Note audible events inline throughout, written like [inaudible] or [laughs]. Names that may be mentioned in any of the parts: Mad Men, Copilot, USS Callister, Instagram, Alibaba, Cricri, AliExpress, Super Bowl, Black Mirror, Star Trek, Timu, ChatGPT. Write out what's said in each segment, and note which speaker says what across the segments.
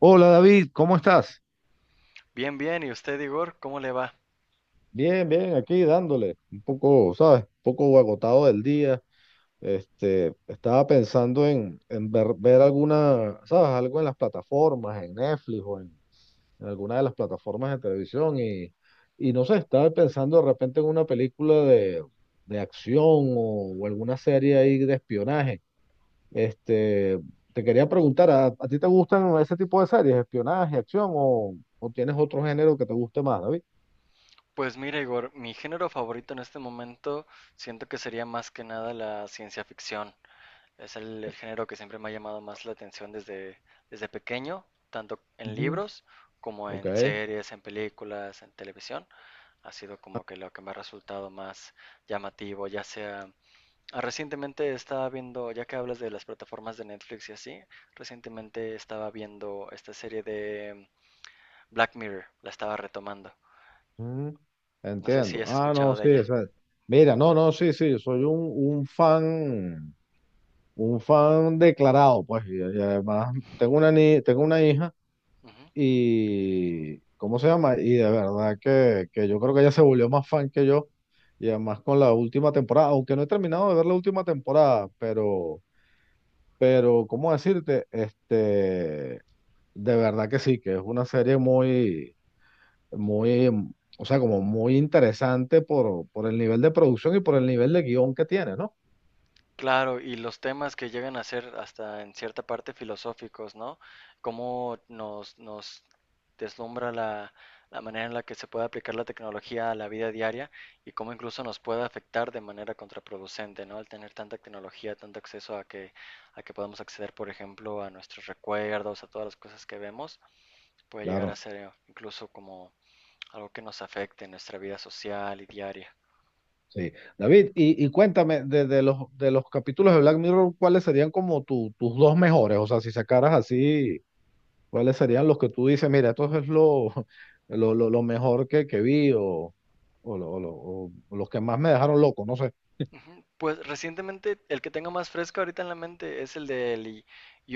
Speaker 1: Hola, David, ¿cómo estás?
Speaker 2: Bien, bien. ¿Y usted, Igor? ¿Cómo le va?
Speaker 1: Bien, bien, aquí dándole un poco, ¿sabes? Un poco agotado del día. Estaba pensando en ver, ver alguna, ¿sabes? Algo en las plataformas, en Netflix o en alguna de las plataformas de televisión y no sé, estaba pensando de repente en una película de acción o alguna serie ahí de espionaje. Este, te quería preguntar, a ti te gustan ese tipo de series, espionaje, acción o tienes otro género que te guste más, David?
Speaker 2: Pues mira, Igor, mi género favorito en este momento siento que sería más que nada la ciencia ficción. Es el género que siempre me ha llamado más la atención desde pequeño, tanto en libros como
Speaker 1: Ok.
Speaker 2: en series, en películas, en televisión. Ha sido como que lo que me ha resultado más llamativo, ya sea. Recientemente estaba viendo, ya que hablas de las plataformas de Netflix y así, recientemente estaba viendo esta serie de Black Mirror, la estaba retomando.
Speaker 1: Mm,
Speaker 2: No sé si
Speaker 1: entiendo.
Speaker 2: has
Speaker 1: Ah, no,
Speaker 2: escuchado de
Speaker 1: sí, o
Speaker 2: ella.
Speaker 1: sea, mira, no, no, sí, sí, yo soy un fan declarado, pues, y además tengo una, tengo una hija
Speaker 2: Ujú.
Speaker 1: y, ¿cómo se llama? Y de verdad que yo creo que ella se volvió más fan que yo y además con la última temporada, aunque no he terminado de ver la última temporada, pero, ¿cómo decirte? De verdad que sí, que es una serie muy muy, o sea, como muy interesante por el nivel de producción y por el nivel de guión que tiene, ¿no?
Speaker 2: Claro, y los temas que llegan a ser hasta en cierta parte filosóficos, ¿no? Cómo nos deslumbra la manera en la que se puede aplicar la tecnología a la vida diaria y cómo incluso nos puede afectar de manera contraproducente, ¿no? Al tener tanta tecnología, tanto acceso a que, podamos acceder, por ejemplo, a nuestros recuerdos, a todas las cosas que vemos, puede llegar a
Speaker 1: Claro,
Speaker 2: ser incluso como algo que nos afecte en nuestra vida social y diaria.
Speaker 1: sí. David, y cuéntame, de los capítulos de Black Mirror, ¿cuáles serían como tus dos mejores? O sea, si sacaras así, ¿cuáles serían los que tú dices, mira, esto es lo, [laughs] lo mejor que vi o, o los que más me dejaron loco, no sé.
Speaker 2: Ujú. Pues recientemente el que tengo más fresco ahorita en la mente es el del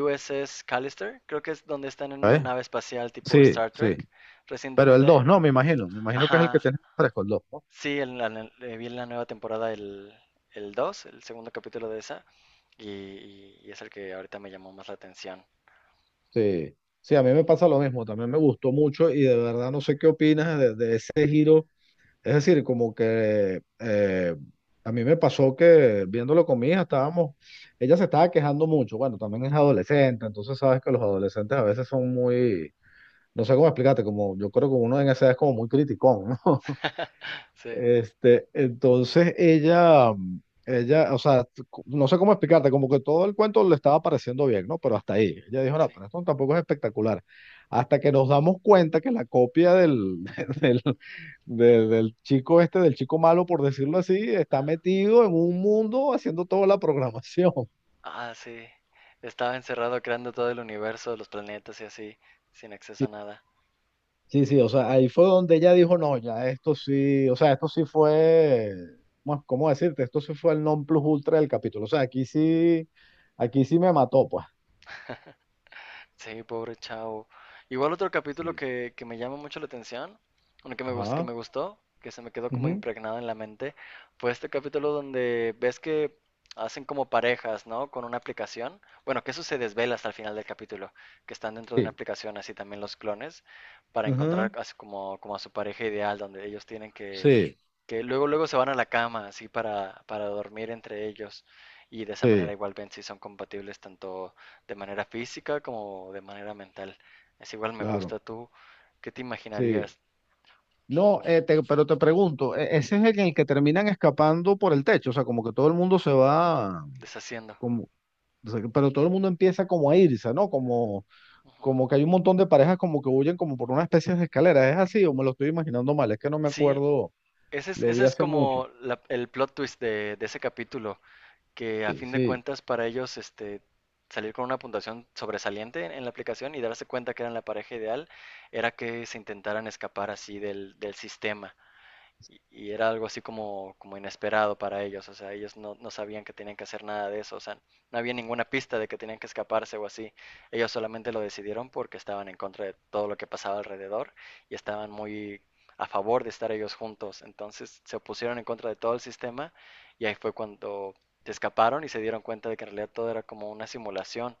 Speaker 2: USS Callister, creo que es donde están en una
Speaker 1: ¿Sabes?
Speaker 2: nave espacial tipo
Speaker 1: Sí,
Speaker 2: Star
Speaker 1: sí.
Speaker 2: Trek.
Speaker 1: Pero el 2
Speaker 2: Recientemente,
Speaker 1: no, me imagino. Me imagino que es el que
Speaker 2: ajá,
Speaker 1: tienes fresco, el 2.
Speaker 2: sí, vi en la nueva temporada el segundo capítulo de esa, y es el que ahorita me llamó más la atención.
Speaker 1: Sí, sí, a mí me pasa lo mismo, también me gustó mucho y de verdad no sé qué opinas de ese giro. Es decir, como que a mí me pasó que viéndolo con mi hija, estábamos, ella se estaba quejando mucho, bueno, también es adolescente, entonces sabes que los adolescentes a veces son muy, no sé cómo explicarte, como yo creo que uno en esa edad es como muy criticón, ¿no?
Speaker 2: Sí,
Speaker 1: Entonces ella, ella, o sea, no sé cómo explicarte, como que todo el cuento le estaba pareciendo bien, ¿no? Pero hasta ahí. Ella dijo, no,
Speaker 2: sí,
Speaker 1: pero esto tampoco es espectacular. Hasta que nos damos cuenta que la copia del, [laughs] del, del chico este, del chico malo, por decirlo así, está
Speaker 2: ajá.
Speaker 1: metido en un mundo haciendo toda la programación.
Speaker 2: Ah, sí, estaba encerrado creando todo el universo, los planetas y así, sin acceso a nada.
Speaker 1: Sí, sí, o sea, ahí fue donde ella dijo, no, ya esto sí, o sea, esto sí fue, bueno, ¿cómo decirte? Esto sí fue el non plus ultra del capítulo. O sea, aquí sí me mató, pues.
Speaker 2: Sí, pobre chavo. Igual otro capítulo
Speaker 1: Sí.
Speaker 2: que me llama mucho la atención, bueno, que
Speaker 1: Ajá.
Speaker 2: me gustó, que se me quedó como
Speaker 1: Ujú.
Speaker 2: impregnado en la mente, fue este capítulo donde ves que hacen como parejas, ¿no? Con una aplicación. Bueno, que eso se desvela hasta el final del capítulo, que están dentro de una
Speaker 1: Sí.
Speaker 2: aplicación, así también los clones, para encontrar
Speaker 1: Ujú.
Speaker 2: así como, como a su pareja ideal, donde ellos tienen que,
Speaker 1: Sí,
Speaker 2: que luego luego se van a la cama así para dormir entre ellos y de esa manera
Speaker 1: sí,
Speaker 2: igual ven si son compatibles tanto de manera física como de manera mental. Es igual me
Speaker 1: claro,
Speaker 2: gusta tú, ¿qué te
Speaker 1: sí.
Speaker 2: imaginarías
Speaker 1: No, pero te pregunto, ¿ ese es el en el que terminan escapando por el techo, o sea, como que todo el mundo se va,
Speaker 2: deshaciendo?
Speaker 1: como, o sea, pero todo el mundo empieza como a irse, ¿no? Como...
Speaker 2: Ujú.
Speaker 1: como que hay un montón de parejas como que huyen como por una especie de escalera. ¿Es así o me lo estoy imaginando mal? Es que no me
Speaker 2: Sí,
Speaker 1: acuerdo,
Speaker 2: ese es,
Speaker 1: lo
Speaker 2: ese
Speaker 1: vi
Speaker 2: es
Speaker 1: hace mucho.
Speaker 2: como el plot twist de ese capítulo, que a
Speaker 1: Sí,
Speaker 2: fin de
Speaker 1: sí,
Speaker 2: cuentas para ellos este, salir con una puntuación sobresaliente en la aplicación y darse cuenta que eran la pareja ideal era que se intentaran escapar así del sistema y era algo así como, como inesperado para ellos, o sea, ellos no sabían que tenían que hacer nada de eso, o sea, no había ninguna pista de que tenían que escaparse o así, ellos solamente lo decidieron porque estaban en contra de todo lo que pasaba alrededor y estaban muy a favor de estar ellos juntos, entonces se opusieron en contra de todo el sistema y ahí fue cuando se escaparon y se dieron cuenta de que en realidad todo era como una simulación.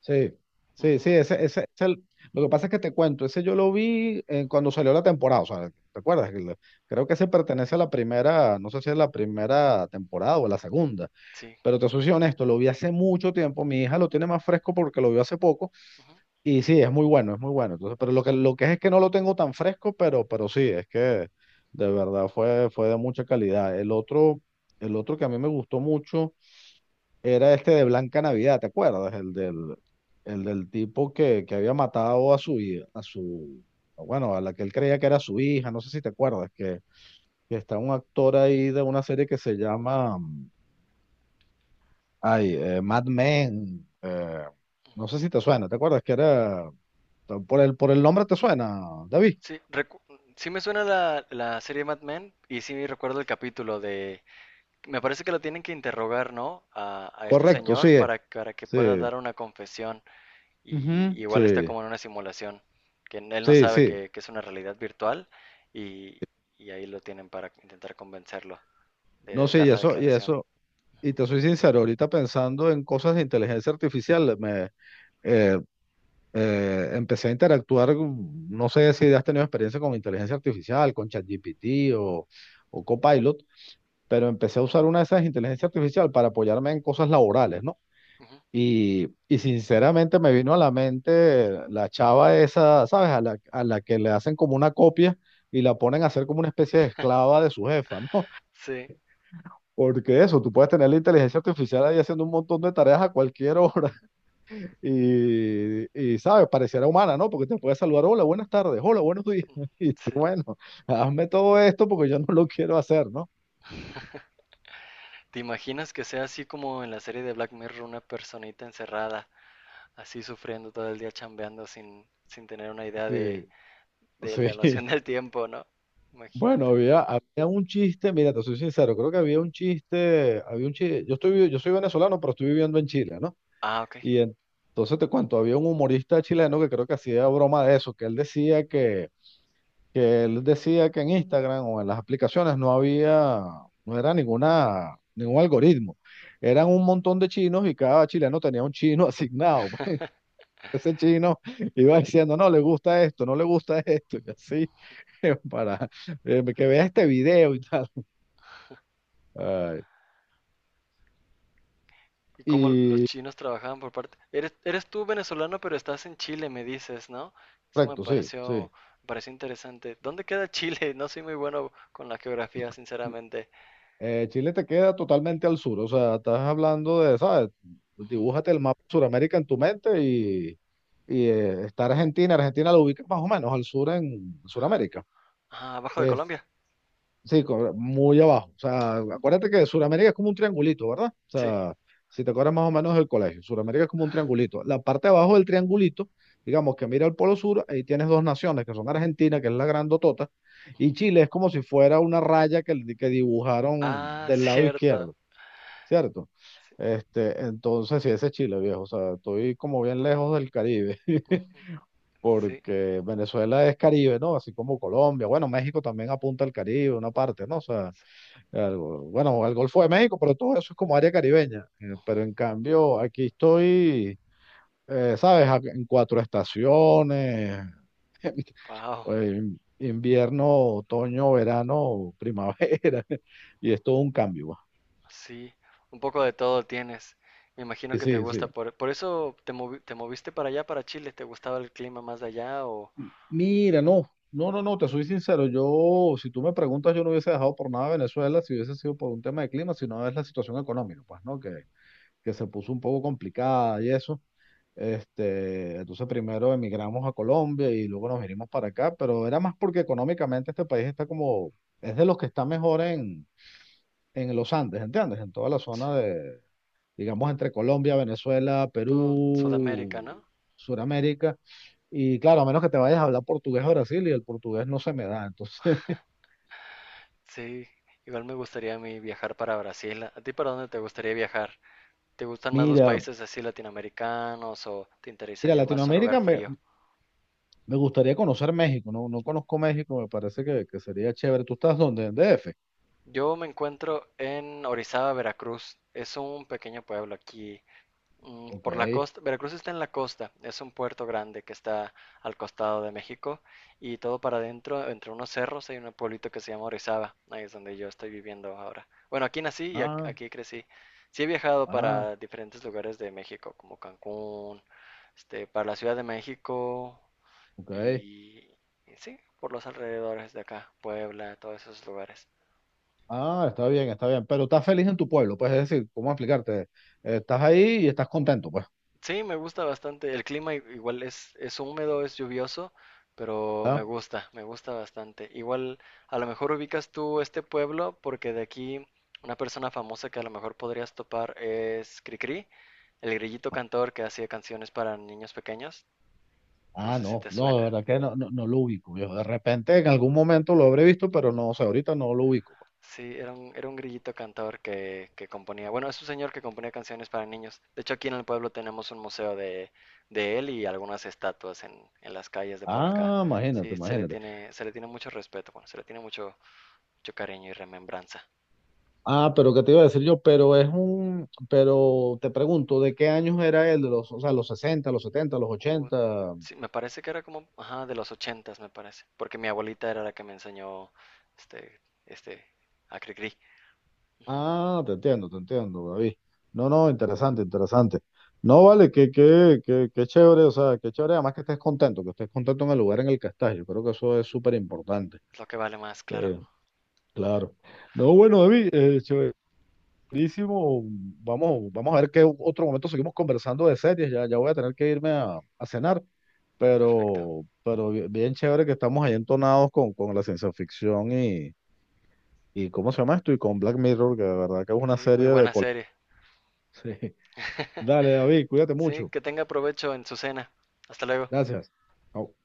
Speaker 1: sí, sí, sí,
Speaker 2: Ujú,
Speaker 1: ese, lo que pasa es que te cuento, ese yo lo vi cuando salió la temporada, o sea, ¿te acuerdas? Creo que ese pertenece a la primera, no sé si es la primera temporada o la segunda,
Speaker 2: sí,
Speaker 1: pero te soy honesto, lo vi hace mucho tiempo, mi hija lo tiene más fresco porque lo vio hace poco.
Speaker 2: ujú.
Speaker 1: Y sí, es muy bueno, es muy bueno. Entonces, pero lo que es que no lo tengo tan fresco, pero sí, es que de verdad fue, fue de mucha calidad. El otro que a mí me gustó mucho era este de Blanca Navidad, ¿te acuerdas? El del tipo que había matado a su, a su, bueno, a la que él creía que era su hija, no sé si te acuerdas, que está un actor ahí de una serie que se llama, ay, Mad Men, no sé si te suena, ¿te acuerdas? Que era... por el nombre te suena, David.
Speaker 2: Sí, recu- sí, me suena la serie Mad Men y sí recuerdo el capítulo de. Me parece que lo tienen que interrogar, ¿no? A este
Speaker 1: Correcto, sí
Speaker 2: señor
Speaker 1: es.
Speaker 2: para que pueda
Speaker 1: Sí,
Speaker 2: dar una confesión. Y
Speaker 1: ujú.
Speaker 2: igual está
Speaker 1: Sí,
Speaker 2: como en una simulación, que él no
Speaker 1: sí,
Speaker 2: sabe
Speaker 1: sí.
Speaker 2: que es una realidad virtual y, y ahí lo tienen para intentar convencerlo
Speaker 1: No,
Speaker 2: de
Speaker 1: sí,
Speaker 2: dar
Speaker 1: y
Speaker 2: la
Speaker 1: eso, y
Speaker 2: declaración.
Speaker 1: eso, y te soy sincero, ahorita pensando en cosas de inteligencia artificial, me eh, empecé a interactuar, no sé si has tenido experiencia con inteligencia artificial, con ChatGPT o Copilot, pero empecé a usar una de esas inteligencias artificial para apoyarme en cosas laborales, ¿no?
Speaker 2: Ujú.
Speaker 1: Y sinceramente me vino a la mente la chava esa, ¿sabes? A la que le hacen como una copia y la ponen a hacer como una especie de esclava de su jefa, ¿no? [laughs]
Speaker 2: Sí,
Speaker 1: Porque eso, tú puedes tener la inteligencia artificial ahí haciendo un montón de tareas a cualquier hora [laughs] y, y ¿sabes? Pareciera humana, ¿no? Porque te puede saludar, hola, buenas tardes, hola, buenos días. [laughs] Y tú,
Speaker 2: sí.
Speaker 1: bueno, hazme todo esto porque yo no lo quiero hacer, ¿no?
Speaker 2: ¿Te imaginas que sea así como en la serie de Black Mirror, una personita encerrada, así sufriendo todo el día chambeando sin tener una idea de,
Speaker 1: Sí,
Speaker 2: de la
Speaker 1: sí.
Speaker 2: noción
Speaker 1: [laughs]
Speaker 2: del tiempo, ¿no?
Speaker 1: Bueno,
Speaker 2: Imagínate.
Speaker 1: había, había un chiste, mira, te soy sincero, creo que había un chiste, yo estoy, yo soy venezolano, pero estoy viviendo en Chile, ¿no?
Speaker 2: Ah, ok.
Speaker 1: Y en- entonces te cuento, había un humorista chileno que creo que hacía broma de eso, que él decía que él decía que en Instagram o en las aplicaciones no había, no era ninguna, ningún algoritmo. Eran un montón de chinos y cada chileno tenía un chino [laughs] asignado, pues. Ese chino iba diciendo, no, le gusta esto, no le gusta esto, y así, [laughs] para que vea este video y tal. Ay,
Speaker 2: Y cómo los
Speaker 1: y
Speaker 2: chinos trabajaban por parte. Eres tú venezolano, pero estás en Chile, me dices, ¿no? Eso me
Speaker 1: correcto, sí,
Speaker 2: pareció,
Speaker 1: sí.
Speaker 2: me pareció interesante. ¿Dónde queda Chile? [laughs] No soy muy bueno con la geografía, sinceramente.
Speaker 1: Chile te queda totalmente al sur, o sea, estás hablando de, ¿sabes?
Speaker 2: Ujú,
Speaker 1: Dibújate el mapa de Sudamérica en tu mente y, está Argentina, Argentina la ubicas más o menos al sur en
Speaker 2: ajá.
Speaker 1: Sudamérica.
Speaker 2: Ah, abajo de Colombia.
Speaker 1: Sí, muy abajo. O sea, acuérdate que Sudamérica es como un triangulito, ¿verdad? O
Speaker 2: Sí.
Speaker 1: sea, si te acuerdas más o menos del colegio, Sudamérica es como un triangulito. La parte de abajo del triangulito, digamos que mira al Polo Sur, ahí tienes dos naciones, que son Argentina, que es la grandotota,
Speaker 2: Ujú.
Speaker 1: y Chile es como si fuera una raya que dibujaron
Speaker 2: Ah, [laughs]
Speaker 1: del lado
Speaker 2: cierto.
Speaker 1: izquierdo, ¿cierto?
Speaker 2: Sí.
Speaker 1: Entonces, sí, ese es Chile, viejo. O sea, estoy como bien lejos del Caribe,
Speaker 2: Ujú,
Speaker 1: [laughs]
Speaker 2: sí.
Speaker 1: porque Venezuela es Caribe, ¿no? Así como Colombia. Bueno, México también apunta al Caribe, una parte, ¿no? O sea, bueno, al Golfo de México, pero todo eso es como área caribeña. Pero en cambio, aquí estoy, ¿sabes? En cuatro estaciones,
Speaker 2: Wow.
Speaker 1: pues, invierno, otoño, verano, primavera, [laughs] y es todo un cambio, va.
Speaker 2: Sí. Un poco de todo tienes. Me imagino
Speaker 1: Y
Speaker 2: que te
Speaker 1: sí,
Speaker 2: gusta.
Speaker 1: sí.
Speaker 2: Por eso te moviste para allá, para Chile. ¿Te gustaba el clima más de allá o?
Speaker 1: Mira, no, no, no, no, te soy sincero, yo, si tú me preguntas, yo no hubiese dejado por nada Venezuela si hubiese sido por un tema de clima, sino es la situación económica, pues, ¿no? Que se puso un poco complicada y eso. Entonces primero emigramos a Colombia y luego nos vinimos para acá, pero era más porque económicamente este país está como, es de los que está mejor en los Andes, ¿entiendes? En toda la
Speaker 2: Sí.
Speaker 1: zona de, digamos, entre Colombia, Venezuela,
Speaker 2: Todo Sudamérica,
Speaker 1: Perú,
Speaker 2: ¿no?
Speaker 1: Sudamérica. Y claro, a menos que te vayas a hablar portugués a Brasil y el portugués no se me da. Entonces,
Speaker 2: Sí, igual me gustaría a mí viajar para Brasil. ¿A ti para dónde te gustaría viajar? ¿Te
Speaker 1: [laughs]
Speaker 2: gustan más los
Speaker 1: mira,
Speaker 2: países así latinoamericanos o te
Speaker 1: mira,
Speaker 2: interesaría más un lugar
Speaker 1: Latinoamérica me,
Speaker 2: frío?
Speaker 1: me gustaría conocer México, no, no conozco México, me parece que sería chévere. ¿Tú estás dónde? ¿En DF?
Speaker 2: Yo me encuentro en Orizaba, Veracruz. Es un pequeño pueblo aquí.
Speaker 1: Ok.
Speaker 2: Por la costa, Veracruz está en la costa, es un puerto grande que está al costado de México y todo para adentro, entre unos cerros hay un pueblito que se llama Orizaba, ahí es donde yo estoy viviendo ahora. Bueno, aquí nací y
Speaker 1: Ah,
Speaker 2: aquí crecí. Sí he viajado
Speaker 1: ah,
Speaker 2: para diferentes lugares de México, como Cancún, para la Ciudad de México
Speaker 1: ok.
Speaker 2: y, y sí, por los alrededores de acá, Puebla, todos esos lugares.
Speaker 1: Ah, está bien, está bien. Pero estás feliz en tu pueblo, pues, es decir, ¿cómo explicarte? Estás ahí y estás contento, pues.
Speaker 2: Sí, me gusta bastante. El clima igual es húmedo, es lluvioso, pero
Speaker 1: Ah,
Speaker 2: me gusta bastante. Igual, a lo mejor ubicas tú este pueblo, porque de aquí una persona famosa que a lo mejor podrías topar es Cricri, el grillito cantor que hacía canciones para niños pequeños. No
Speaker 1: ah,
Speaker 2: sé si
Speaker 1: no,
Speaker 2: te
Speaker 1: no, de
Speaker 2: suena.
Speaker 1: verdad que no, no, no lo ubico, viejo. De repente en algún momento lo habré visto, pero no, o sea, ahorita no lo ubico, pues.
Speaker 2: Sí, era un grillito cantor que componía. Bueno, es un señor que componía canciones para niños. De hecho, aquí en el pueblo tenemos un museo de él y algunas estatuas en las calles de por acá.
Speaker 1: Ah, imagínate,
Speaker 2: Sí, se le
Speaker 1: imagínate.
Speaker 2: tiene, se le tiene mucho respeto, bueno, se le tiene mucho, mucho cariño y remembranza.
Speaker 1: Ah, pero ¿qué te iba a decir yo? Pero es un, pero te pregunto, ¿de qué años era él? ¿De los, o sea, los 60, los 70, los
Speaker 2: Hubo-
Speaker 1: ochenta?
Speaker 2: sí, me parece que era como, ajá, de los ochentas, me parece. Porque mi abuelita era la que me enseñó este, este, a Cricri. Ujú,
Speaker 1: Ah, te entiendo, David. No, no, interesante, interesante. No, vale, que chévere, o sea, que chévere, además que estés contento en el lugar en el que estás. Yo creo que eso es súper importante.
Speaker 2: es lo que vale más, claro.
Speaker 1: Eh, claro. No, bueno, David, chéverísimo. Vamos, vamos a ver qué otro momento seguimos conversando de series. Ya, ya voy a tener que irme a cenar,
Speaker 2: Perfecto.
Speaker 1: pero bien chévere que estamos ahí entonados con la ciencia ficción y ¿cómo se llama esto? Y con Black Mirror, que de verdad que es una
Speaker 2: Sí, muy
Speaker 1: serie de...
Speaker 2: buena serie.
Speaker 1: [laughs] Sí. Dale, David, cuídate
Speaker 2: Sí,
Speaker 1: mucho.
Speaker 2: que tenga provecho en su cena. Hasta luego.
Speaker 1: Gracias. Chao.